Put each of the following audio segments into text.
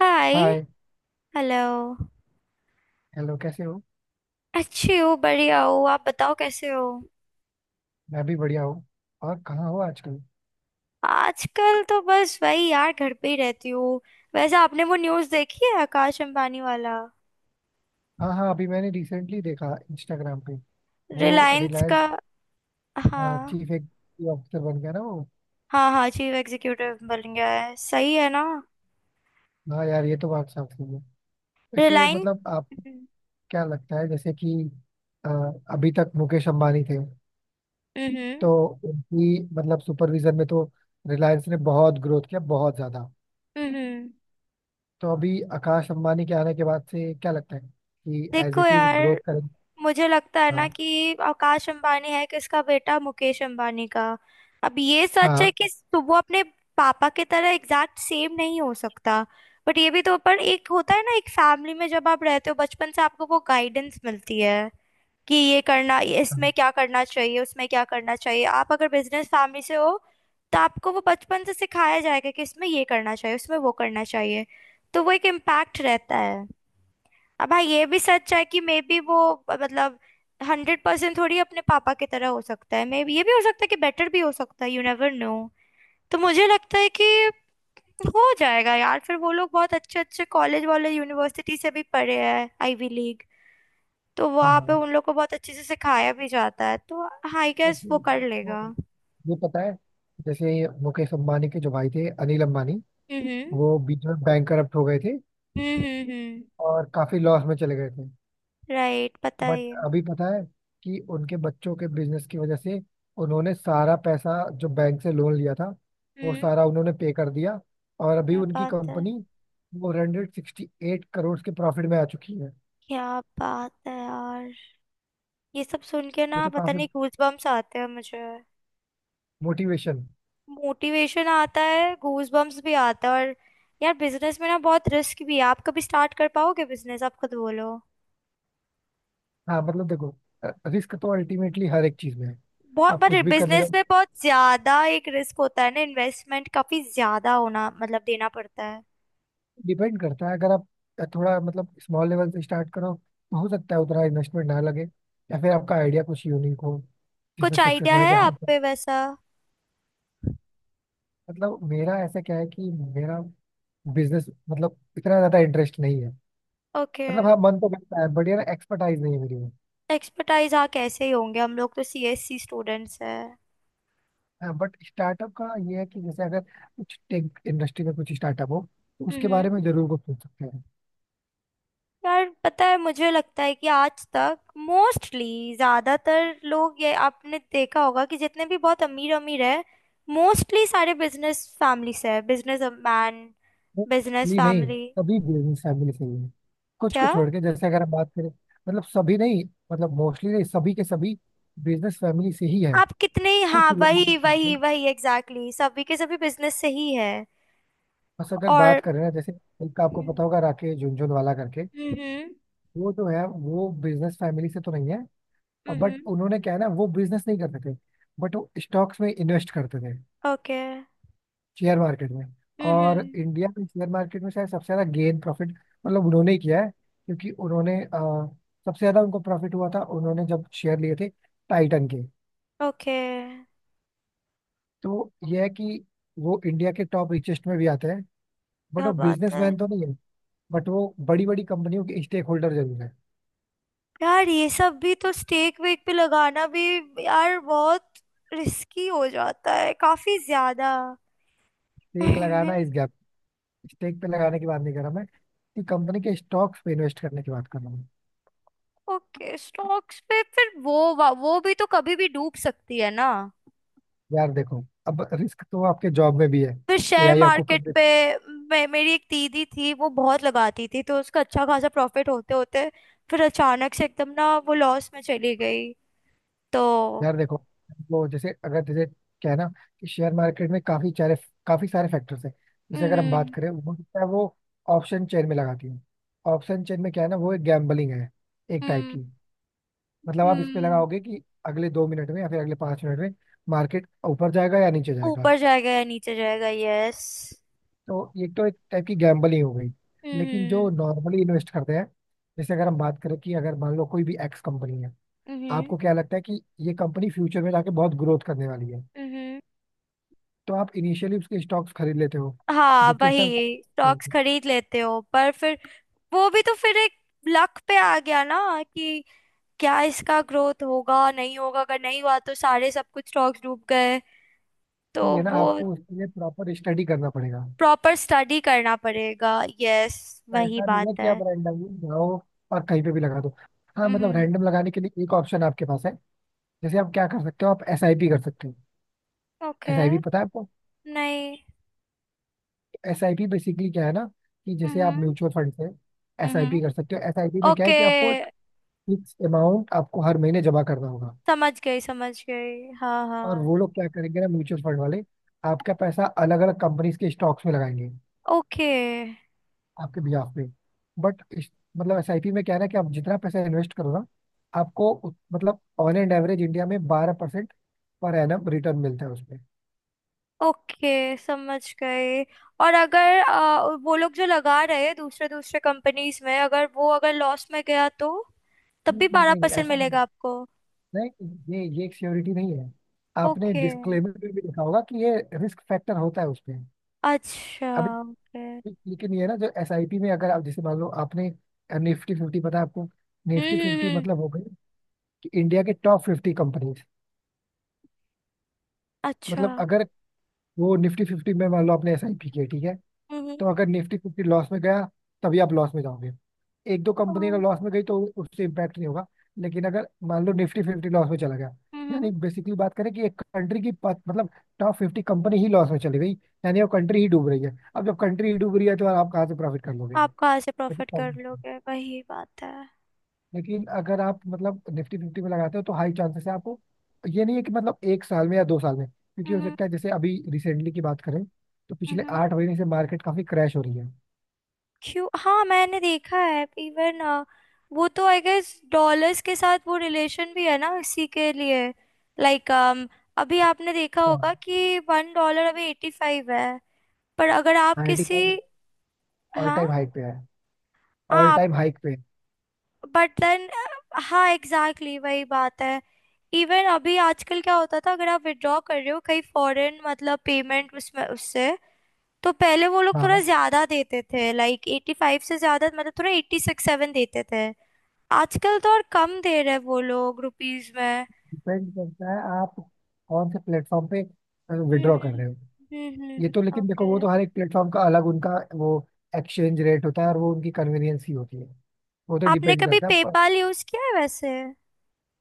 हाय। Hi. Hello. Hello, कैसे हो? अच्छी हो, बढ़िया हो। आप बताओ, कैसे हो? मैं भी बढ़िया हूँ। और कहाँ हो आजकल? आजकल तो बस वही यार, घर पे ही रहती हूँ। वैसे आपने वो न्यूज़ देखी है, आकाश अंबानी वाला? हाँ हाँ, अभी मैंने रिसेंटली देखा इंस्टाग्राम पे वो रिलायंस का? रिलायंस हाँ चीफ एग्जीक्यूटिव ऑफिसर बन गया ना वो। हाँ, हाँ, चीफ एग्जीक्यूटिव बन गया है, सही है ना? हाँ यार, ये तो बात साफ सही है। वैसे रिलायंस। मतलब आप हम्म। क्या लगता है जैसे कि अ, अभी तक मुकेश अंबानी थे, हम्म। तो उनकी मतलब सुपरविजन में तो रिलायंस ने बहुत ग्रोथ किया, बहुत ज़्यादा। हम्म। तो अभी आकाश अंबानी के आने के बाद से क्या लगता है कि एज देखो इट इज़ ग्रोथ यार, करें? मुझे लगता है ना हाँ कि आकाश अंबानी है किसका बेटा? मुकेश अंबानी का। अब ये सच है हाँ कि तो वो अपने पापा की तरह एग्जैक्ट सेम नहीं हो सकता। बट ये भी तो पर एक होता है ना, एक फैमिली में जब आप रहते हो बचपन से आपको वो गाइडेंस मिलती है कि ये करना, हाँ इसमें क्या करना चाहिए, उसमें क्या करना चाहिए। आप अगर बिजनेस फैमिली से हो तो आपको वो बचपन से सिखाया जाएगा कि इसमें ये करना चाहिए, उसमें वो करना चाहिए। तो वो एक इम्पैक्ट रहता है। अब हाँ, ये भी सच है कि मे बी वो मतलब 100% थोड़ी अपने पापा की तरह हो सकता है, मे बी ये भी हो सकता है कि बेटर भी हो सकता है, यू नेवर नो। तो मुझे लगता है कि हो जाएगा यार, फिर वो लोग बहुत अच्छे अच्छे कॉलेज वाले यूनिवर्सिटी से भी पढ़े हैं, आईवी लीग। तो हाँ वहाँ पे हाँ। उन लोग को बहुत अच्छे से सिखाया भी जाता है तो। हाँ, आई गेस वो लेकिन कर आपको लेगा। ये पता है जैसे मुकेश अंबानी के जो भाई थे अनिल अंबानी, हम्म। वो बीच में बैंकरप्ट हो गए थे हम्म। हम्म, और काफी लॉस में चले गए थे। राइट, पता बट ही है। अभी पता है कि उनके बच्चों के बिजनेस की वजह से उन्होंने सारा पैसा जो बैंक से लोन लिया था वो हम्म। सारा उन्होंने पे कर दिया, और अभी क्या उनकी बात है? कंपनी 468 करोड़ के प्रॉफिट में आ चुकी है। क्या बात है यार, ये सब सुन के ये ना तो पता काफी नहीं गूज बम्स आते हैं मुझे। मोटिवेशन। मोटिवेशन आता है, गूज बम्स भी आता है। और यार, बिजनेस में ना बहुत रिस्क भी है। आप कभी स्टार्ट कर पाओगे बिजनेस? आप खुद बोलो। हाँ मतलब देखो, रिस्क तो अल्टीमेटली हर एक चीज में है, बहुत, आप कुछ पर भी करने बिजनेस जाओ। में बहुत ज्यादा एक रिस्क होता है ना, इन्वेस्टमेंट काफी ज्यादा होना मतलब देना पड़ता है। डिपेंड करता है, अगर आप थोड़ा मतलब स्मॉल लेवल से स्टार्ट करो तो हो सकता है उतना इन्वेस्टमेंट ना लगे, या फिर आपका आइडिया कुछ यूनिक हो जिसमें कुछ सक्सेस आइडिया होने है के आप हाथ हैं। पे वैसा? मतलब मेरा ऐसा क्या है कि मेरा बिजनेस मतलब इतना ज्यादा इंटरेस्ट नहीं है। ओके। मतलब हाँ, मन तो करता है बट यार एक्सपर्टाइज नहीं है मेरी में। एक्सपर्टाइज? हाँ, कैसे ही होंगे, हम लोग तो सीएससी स्टूडेंट्स हैं। बट स्टार्टअप का ये है कि जैसे अगर कुछ टेक इंडस्ट्री में कुछ स्टार्टअप हो तो उसके हम्म बारे में जरूर कुछ सोच सकते हैं। यार पता है, मुझे लगता है कि आज तक मोस्टली ज्यादातर लोग, ये आपने देखा होगा कि जितने भी बहुत अमीर अमीर है मोस्टली सारे बिजनेस फैमिली से है, बिजनेस मैन। बिजनेस मोस्टली नहीं, फैमिली। सभी बिजनेस फैमिली से ही है। कुछ को क्या? छोड़ के, जैसे अगर हम बात करें, मतलब सभी नहीं, मतलब मोस्टली नहीं, सभी के सभी बिजनेस फैमिली से ही है। आप कितने... कुछ हाँ, लोगों की वही वही family- वही, एग्जैक्टली exactly. सभी के सभी बिजनेस से ही है। बस अगर और बात करें ना, जैसे एक आपको हम्म। पता होगा राकेश झुनझुनवाला करके, हम्म। वो जो है वो बिजनेस फैमिली से तो नहीं है। बट हम्म, उन्होंने क्या है ना, वो बिजनेस नहीं करते थे बट वो स्टॉक्स में इन्वेस्ट करते थे, ओके। शेयर मार्केट में। हम्म। और इंडिया में शेयर मार्केट में शायद सबसे ज्यादा गेन प्रॉफिट मतलब उन्होंने ही किया है, क्योंकि उन्होंने सबसे ज्यादा उनको प्रॉफिट हुआ था उन्होंने जब शेयर लिए थे टाइटन के। ओके। तो यह है कि वो इंडिया के टॉप रिचेस्ट में भी आते हैं, बट क्या वो बात है? बिजनेसमैन तो नहीं है, बट वो बड़ी बड़ी कंपनियों के स्टेक होल्डर जरूर है। यार, ये सब भी तो स्टेक वेक पे लगाना भी यार बहुत रिस्की हो जाता है, काफी ज्यादा। स्टेक लगाना इस गैप, स्टेक पे लगाने की बात नहीं कर रहा मैं, कि कंपनी के स्टॉक्स पे इन्वेस्ट करने की बात कर रहा हूँ। ओके, स्टॉक्स पे फिर वो वो भी तो कभी भी डूब सकती है ना? यार देखो, अब रिस्क तो आपके जॉब में भी है, फिर शेयर एआई आपको मार्केट कब। पे। मेरी एक दीदी थी, वो बहुत लगाती थी तो उसका अच्छा खासा प्रॉफिट होते होते फिर अचानक से एकदम ना वो लॉस में चली गई। तो यार देखो, वो जैसे अगर जैसे क्या है ना कि शेयर मार्केट में काफी सारे फैक्टर्स हैं। जैसे अगर हम बात हम्म। करें वो क्या है, वो ऑप्शन चेन में लगाती है। ऑप्शन चेन में क्या है ना, वो एक गैम्बलिंग है एक टाइप हम्म। की। मतलब आप इस पे हम्म। लगाओगे कि अगले 2 मिनट में या फिर अगले 5 मिनट में मार्केट ऊपर जाएगा या नीचे जाएगा। ऊपर जाएगा या नीचे जाएगा, यस। तो ये तो एक टाइप की गैम्बलिंग हो गई। लेकिन हम्म। जो नॉर्मली इन्वेस्ट करते हैं, जैसे अगर हम बात करें कि अगर मान लो कोई भी एक्स कंपनी है, हम्म। हम्म। आपको क्या लगता है कि ये कंपनी फ्यूचर में जाके बहुत ग्रोथ करने वाली है, हम्म। तो आप इनिशियली उसके स्टॉक्स खरीद लेते हो हाँ, जो कि उस टाइम, वही स्टॉक्स खरीद लेते हो पर फिर वो भी तो फिर एक लक पे आ गया ना, कि क्या इसका ग्रोथ होगा नहीं होगा? अगर नहीं हुआ तो सारे सब कुछ स्टॉक्स डूब गए। तो ये ना वो आपको उसके लिए प्रॉपर स्टडी करना पड़ेगा। प्रॉपर स्टडी करना पड़ेगा, यस, तो वही ऐसा नहीं बात है कि है। आप रैंडमली जाओ और कहीं पे भी लगा दो। हाँ मतलब हम्म। रैंडम लगाने के लिए एक ऑप्शन आपके पास है, जैसे आप क्या कर सकते हो, आप एस आई पी कर सकते हो। ओके। एस आई पी पता है आपको? नहीं। एस आई पी बेसिकली क्या है ना कि जैसे आप हम्म। म्यूचुअल फंड से एस आई पी हम्म। कर सकते हो। एस आई पी में क्या ओके, है कि आपको एक फिक्स अमाउंट आपको हर महीने जमा करना होगा, समझ गई समझ गई, हाँ और हाँ। वो लोग क्या करेंगे ना म्यूचुअल फंड वाले, आपका पैसा अलग अलग कंपनीज के स्टॉक्स में लगाएंगे ओके। आपके बिहाफ पे। बट मतलब एसआईपी में क्या है ना कि आप जितना पैसा इन्वेस्ट करो ना, आपको उत- मतलब ऑन एंड एवरेज इंडिया में 12% पर एनम रिटर्न मिलता है उसमें। ओके, समझ गए। और अगर वो लोग जो लगा रहे हैं दूसरे दूसरे कंपनीज में, अगर वो अगर लॉस में गया तो तब भी नहीं बारह नहीं, परसेंट ऐसा नहीं है। मिलेगा आपको? नहीं, ये एक सियोरिटी नहीं है। आपने ओके। डिस्क्लेमर में भी लिखा होगा कि ये रिस्क फैक्टर होता है उसमें। अच्छा। अभी ओके। हम्म। लेकिन ये ना, जो एसआईपी में, अगर आप जैसे मान लो आपने निफ्टी फिफ्टी, पता है आपको? Nifty hmm. फिफ्टी मतलब हो गई कि इंडिया के टॉप 50 कंपनीज। अच्छा। मतलब अगर वो निफ्टी फिफ्टी में मान लो आपने एसआईपी किया, ठीक है, हम्म। तो अगर निफ्टी फिफ्टी लॉस में गया तभी आप लॉस में जाओगे। एक दो कंपनी अगर हम्म। लॉस में गई तो उससे इम्पैक्ट नहीं होगा। लेकिन अगर मान लो निफ्टी फिफ्टी लॉस में चला गया, हम्म। यानी बेसिकली बात करें कि एक कंट्री की पा- मतलब टॉप 50 कंपनी ही लॉस में चली गई, यानी वो कंट्री ही डूब रही है। अब जब कंट्री ही डूब रही है तो आप कहाँ से प्रॉफिट कर लोगे, आप कहाँ से ये भी प्रॉफिट problem कर है। लोगे, वही बात है। लेकिन अगर आप मतलब निफ्टी फिफ्टी में लगाते हो तो हाई चांसेस है आपको। ये नहीं है कि मतलब एक साल में या दो साल में, क्योंकि हो हम्म। सकता है, जैसे अभी रिसेंटली की बात करें तो पिछले हम्म। 8 महीने से मार्केट काफी क्रैश हो रही है। क्यों? हाँ, मैंने देखा है इवन। वो तो आई गेस डॉलर्स के साथ वो रिलेशन भी है ना इसी के लिए। लाइक अभी आपने देखा होगा हाँ। कि $1 अभी 85 है। पर अगर आप नाइन्टी किसी... फाइव ऑल हाँ। टाइम हाइक पे है, ऑल आप... टाइम हाइक पे। बट देन... हाँ, एग्जैक्टली exactly, वही बात है। इवन अभी आजकल क्या होता था, अगर आप विड्रॉ कर रहे हो कहीं फॉरेन मतलब पेमेंट उसमें उससे, तो पहले वो लोग थोड़ा हाँ, ज्यादा देते थे, लाइक 85 से ज्यादा, मतलब थोड़ा एट्टी सिक्स सेवन देते थे। आजकल तो और कम दे रहे वो लोग रुपीज में। डिपेंड करता है आप कौन से प्लेटफॉर्म पे विड्रॉ कर हम्म। रहे हो। हम्म। ये तो लेकिन देखो, वो ओके। तो हर एक प्लेटफॉर्म का अलग उनका वो एक्सचेंज रेट होता है, और वो उनकी कन्वीनियंस ही होती है, वो तो आपने डिपेंड कभी करता है। पेपाल यूज किया है वैसे?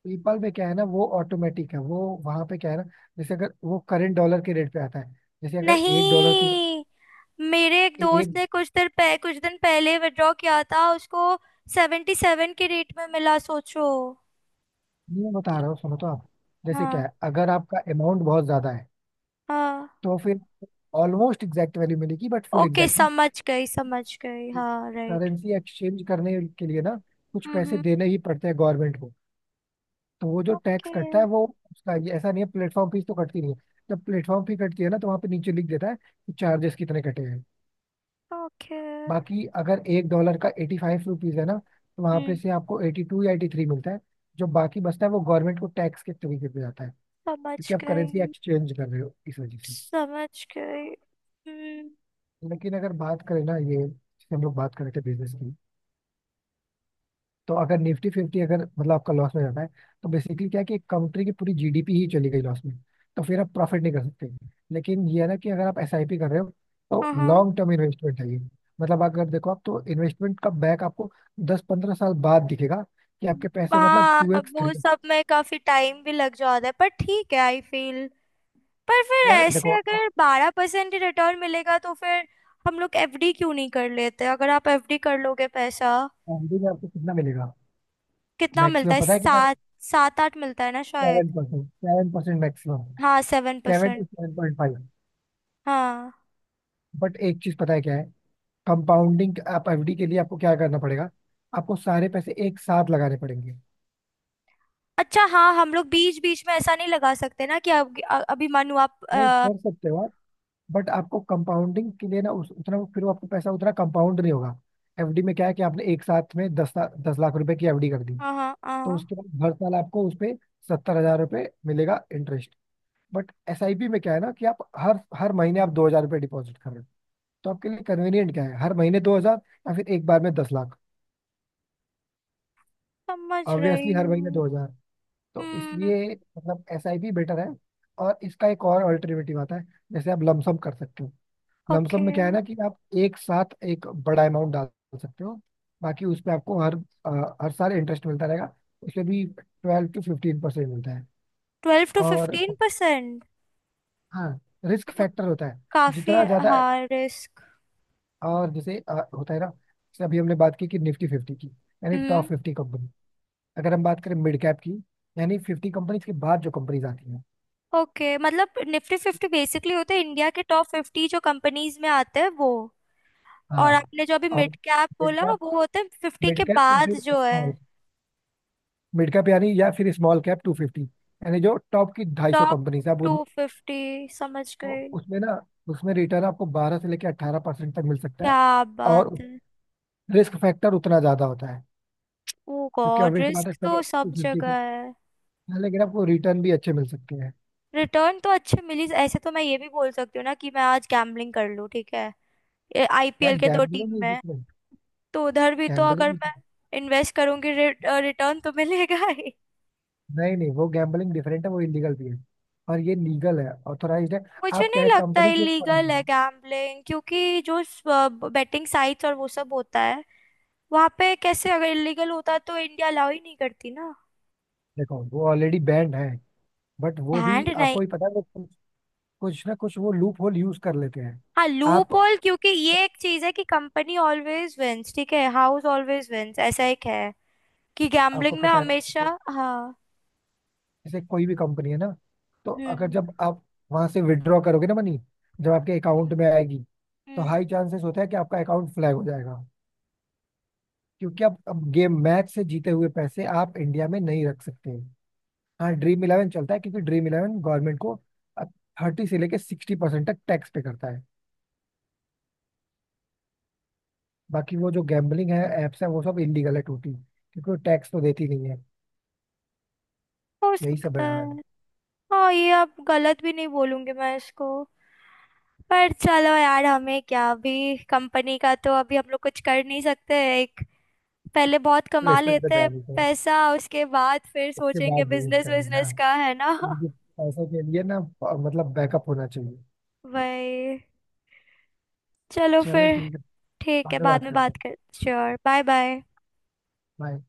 पेपाल में क्या है ना, वो ऑटोमेटिक है वो। वहां पे क्या है ना, जैसे अगर वो करेंट डॉलर के रेट पे आता है, जैसे अगर एक डॉलर के नहीं, मेरे एक दोस्त एक, ने कुछ दिन पहले विड्रॉ किया था, उसको 77 के रेट में मिला, सोचो। मैं बता कि- रहा हूँ सुनो तो आप, जैसे क्या हाँ है, अगर आपका अमाउंट बहुत ज्यादा है हाँ। तो फिर ऑलमोस्ट एग्जैक्ट वैल्यू मिलेगी बट फुल ओके, एग्जैक्ट समझ गई समझ गई, हाँ, राइट। करेंसी एक्सचेंज करने के लिए ना कुछ पैसे हम्म। देने ही पड़ते हैं गवर्नमेंट को। तो वो जो टैक्स ओके। कटता है वो, उसका ये ऐसा नहीं है, प्लेटफॉर्म फीस तो कटती नहीं है। जब प्लेटफॉर्म फी कटती है ना तो वहाँ पे नीचे लिख देता है कि चार्जेस कितने कटे हैं। ओके। बाकी अगर एक डॉलर का 85 रुपीज है ना, तो वहाँ पे हम्म। से आपको 82 या 83 मिलता है। जो बाकी बचता है वो गवर्नमेंट को टैक्स के तरीके पे जाता है, समझ क्योंकि आप करेंसी गई एक्सचेंज कर रहे हो इस वजह से। समझ गई, हम्म, लेकिन अगर बात करें ना, ये जैसे हम लोग बात कर रहे थे बिजनेस की, तो अगर निफ्टी फिफ्टी अगर मतलब आपका लॉस में जाता है, तो बेसिकली क्या है कि कंट्री की पूरी जीडीपी ही चली गई लॉस में, तो फिर आप प्रॉफिट नहीं कर सकते। लेकिन ये है ना कि अगर आप एसआईपी कर रहे हो तो हाँ हाँ लॉन्ग टर्म इन्वेस्टमेंट है ये। मतलब अगर देखो, आप तो इन्वेस्टमेंट का बैक आपको दस पंद्रह साल बाद दिखेगा, कि आपके पैसे मतलब हाँ। Two x three. वो सब में काफी टाइम भी लग जाता है, पर ठीक है, आई फील। पर फिर यार ऐसे देखो, अगर 12% ही रिटर्न मिलेगा तो फिर हम लोग एफडी क्यों नहीं कर लेते? अगर आप एफडी कर लोगे पैसा, एफडी में आपको कितना मिलेगा? कितना मिलता मैक्सिमम है, पता है कितना? सात? सात आठ मिलता है ना शायद। 7%, 7% मैक्सिमम, हाँ, seven seven to percent seven point five हाँ। बट एक चीज पता है क्या है, कंपाउंडिंग। आप एफडी के लिए आपको क्या करना पड़ेगा, आपको सारे पैसे एक साथ लगाने पड़ेंगे। अच्छा, हाँ, हम लोग बीच बीच में ऐसा नहीं लगा सकते ना, कि अब अभी मानो आप नहीं कर सकते हो आप, बट आपको कंपाउंडिंग के लिए ना उस, उतना वो- फिर वो आपको पैसा उतना कंपाउंड नहीं होगा। एफडी में क्या है कि आपने एक साथ में दस ला- 10 लाख रुपए की एफडी कर दी, हाँ हाँ तो हाँ, उसके बाद हर साल आपको उस पे 70 हज़ार रुपये मिलेगा इंटरेस्ट। बट एसआईपी में क्या है ना कि आप हर हर महीने आप 2 हज़ार रुपये डिपॉजिट कर रहे हो। तो आपके लिए कन्वीनियंट क्या है, हर महीने 2 हज़ार या फिर एक बार में 10 लाख? समझ रही ऑब्वियसली हर महीने हूँ। 2 हज़ार। तो हम्म। इसलिए मतलब एस आई पी बेटर है। और इसका एक और अल्टरनेटिव आता है, जैसे आप लमसम कर सकते हो। Lumpsum okay. में क्या है ना कि आप एक साथ एक बड़ा अमाउंट डाल सकते हो, बाकी उस पे आपको हर हर साल इंटरेस्ट मिलता रहेगा। उसमें भी 12 to 15% मिलता है, ट्वेल्व टू और फिफ्टीन परसेंट हाँ, रिस्क फैक्टर होता है काफी। जितना ज्यादा। हाँ, रिस्क। और जैसे होता है ना, जैसे अभी हमने बात की कि निफ्टी फिफ्टी की, यानी टॉप हम्म। 50 कंपनी। अगर हम बात करें मिड कैप की, यानी 50 कंपनीज के बाद जो कंपनीज आती हैं, ओके, मतलब निफ्टी फिफ्टी बेसिकली होते हैं इंडिया के टॉप 50 जो कंपनीज में आते हैं वो? हाँ, और आपने जो अभी और मिड कैप मिड बोला कैप, वो होते हैं फिफ्टी के मिड कैप या बाद फिर जो है? स्मॉल, मिड कैप यानी या फिर स्मॉल कैप 250, यानी जो टॉप की 250 टॉप कंपनीज है आप टू उनमें, फिफ्टी समझ तो गई। उसमें ना, उसमें रिटर्न आपको 12 से लेकर 18% तक मिल सकता है। क्या बात और है? रिस्क फैक्टर उतना ज्यादा होता है, ओ क्योंकि गॉड, ऑब्वियस बात है रिस्क तो टॉप टू सब फिफ्टी जगह को। है। हाँ, लेकिन आपको रिटर्न भी अच्छे मिल सकते हैं। रिटर्न तो अच्छे मिली, ऐसे तो मैं ये भी बोल सकती हूँ ना कि मैं आज गैम्बलिंग कर लूँ ठीक है, यार आईपीएल के दो गैम्बलिंग टीम इज में। डिफरेंट। तो उधर भी तो अगर गैम्बलिंग, मैं इन्वेस्ट करूंगी रिटर्न तो मिलेगा ही। नहीं नहीं, वो गैम्बलिंग डिफरेंट है, वो इलीगल भी है, और ये लीगल है, ऑथोराइज्ड है। मुझे आप क्या नहीं है, लगता कंपनी के ऊपर इलीगल नहीं है है। गैम्बलिंग, क्योंकि जो बेटिंग साइट्स और वो सब होता है वहां पे कैसे? अगर इलीगल होता तो इंडिया अलाउ ही नहीं करती ना। देखो, वो ऑलरेडी बैंड है, बट वो भी बैंड नहीं। आपको भी पता है वो कुछ, कुछ ना कुछ वो लूप होल यूज कर लेते हैं। हाँ, आप, लूप होल, क्योंकि ये एक चीज है कि कंपनी ऑलवेज विंस, ठीक है? हाउस ऑलवेज विंस ऐसा एक है, कि आपको गैम्बलिंग में पता है ना, हमेशा। जैसे हाँ। जैसे कोई भी कंपनी है ना, तो अगर हम्म। जब आप वहां से विड्रॉ करोगे ना मनी, जब आपके हम्म। अकाउंट में आएगी, तो हम्म, हाई चांसेस होता है कि आपका अकाउंट फ्लैग हो जाएगा। क्योंकि अब गेम मैच से जीते हुए पैसे आप इंडिया में नहीं रख सकते। हाँ, ड्रीम इलेवन चलता है, क्योंकि ड्रीम इलेवन गवर्नमेंट को 30 से लेके 60% तक टैक्स पे करता है। बाकी वो जो गैम्बलिंग है एप्स है, वो सब इलीगल है टोटली, क्योंकि वो टैक्स तो देती नहीं है। हो यही सब सकता है यार। है। हाँ, ये अब गलत भी नहीं बोलूंगी मैं इसको। पर चलो यार, हमें क्या, अभी कंपनी का तो अभी हम लोग कुछ कर नहीं सकते। एक, पहले बहुत कमा प्लेसमेंट पे लेते हैं ध्यान देते हैं, पैसा, उसके बाद फिर उसके सोचेंगे बाद यूज बिजनेस, करेंगे ना, बिजनेस का है ना? क्योंकि पैसों के लिए ना मतलब बैकअप होना चाहिए। वही। चलो चलो, फिर, ठीक है, ठीक है, बाद में बाद बात में करते बात हैं। कर। श्योर। Bye bye. Bye.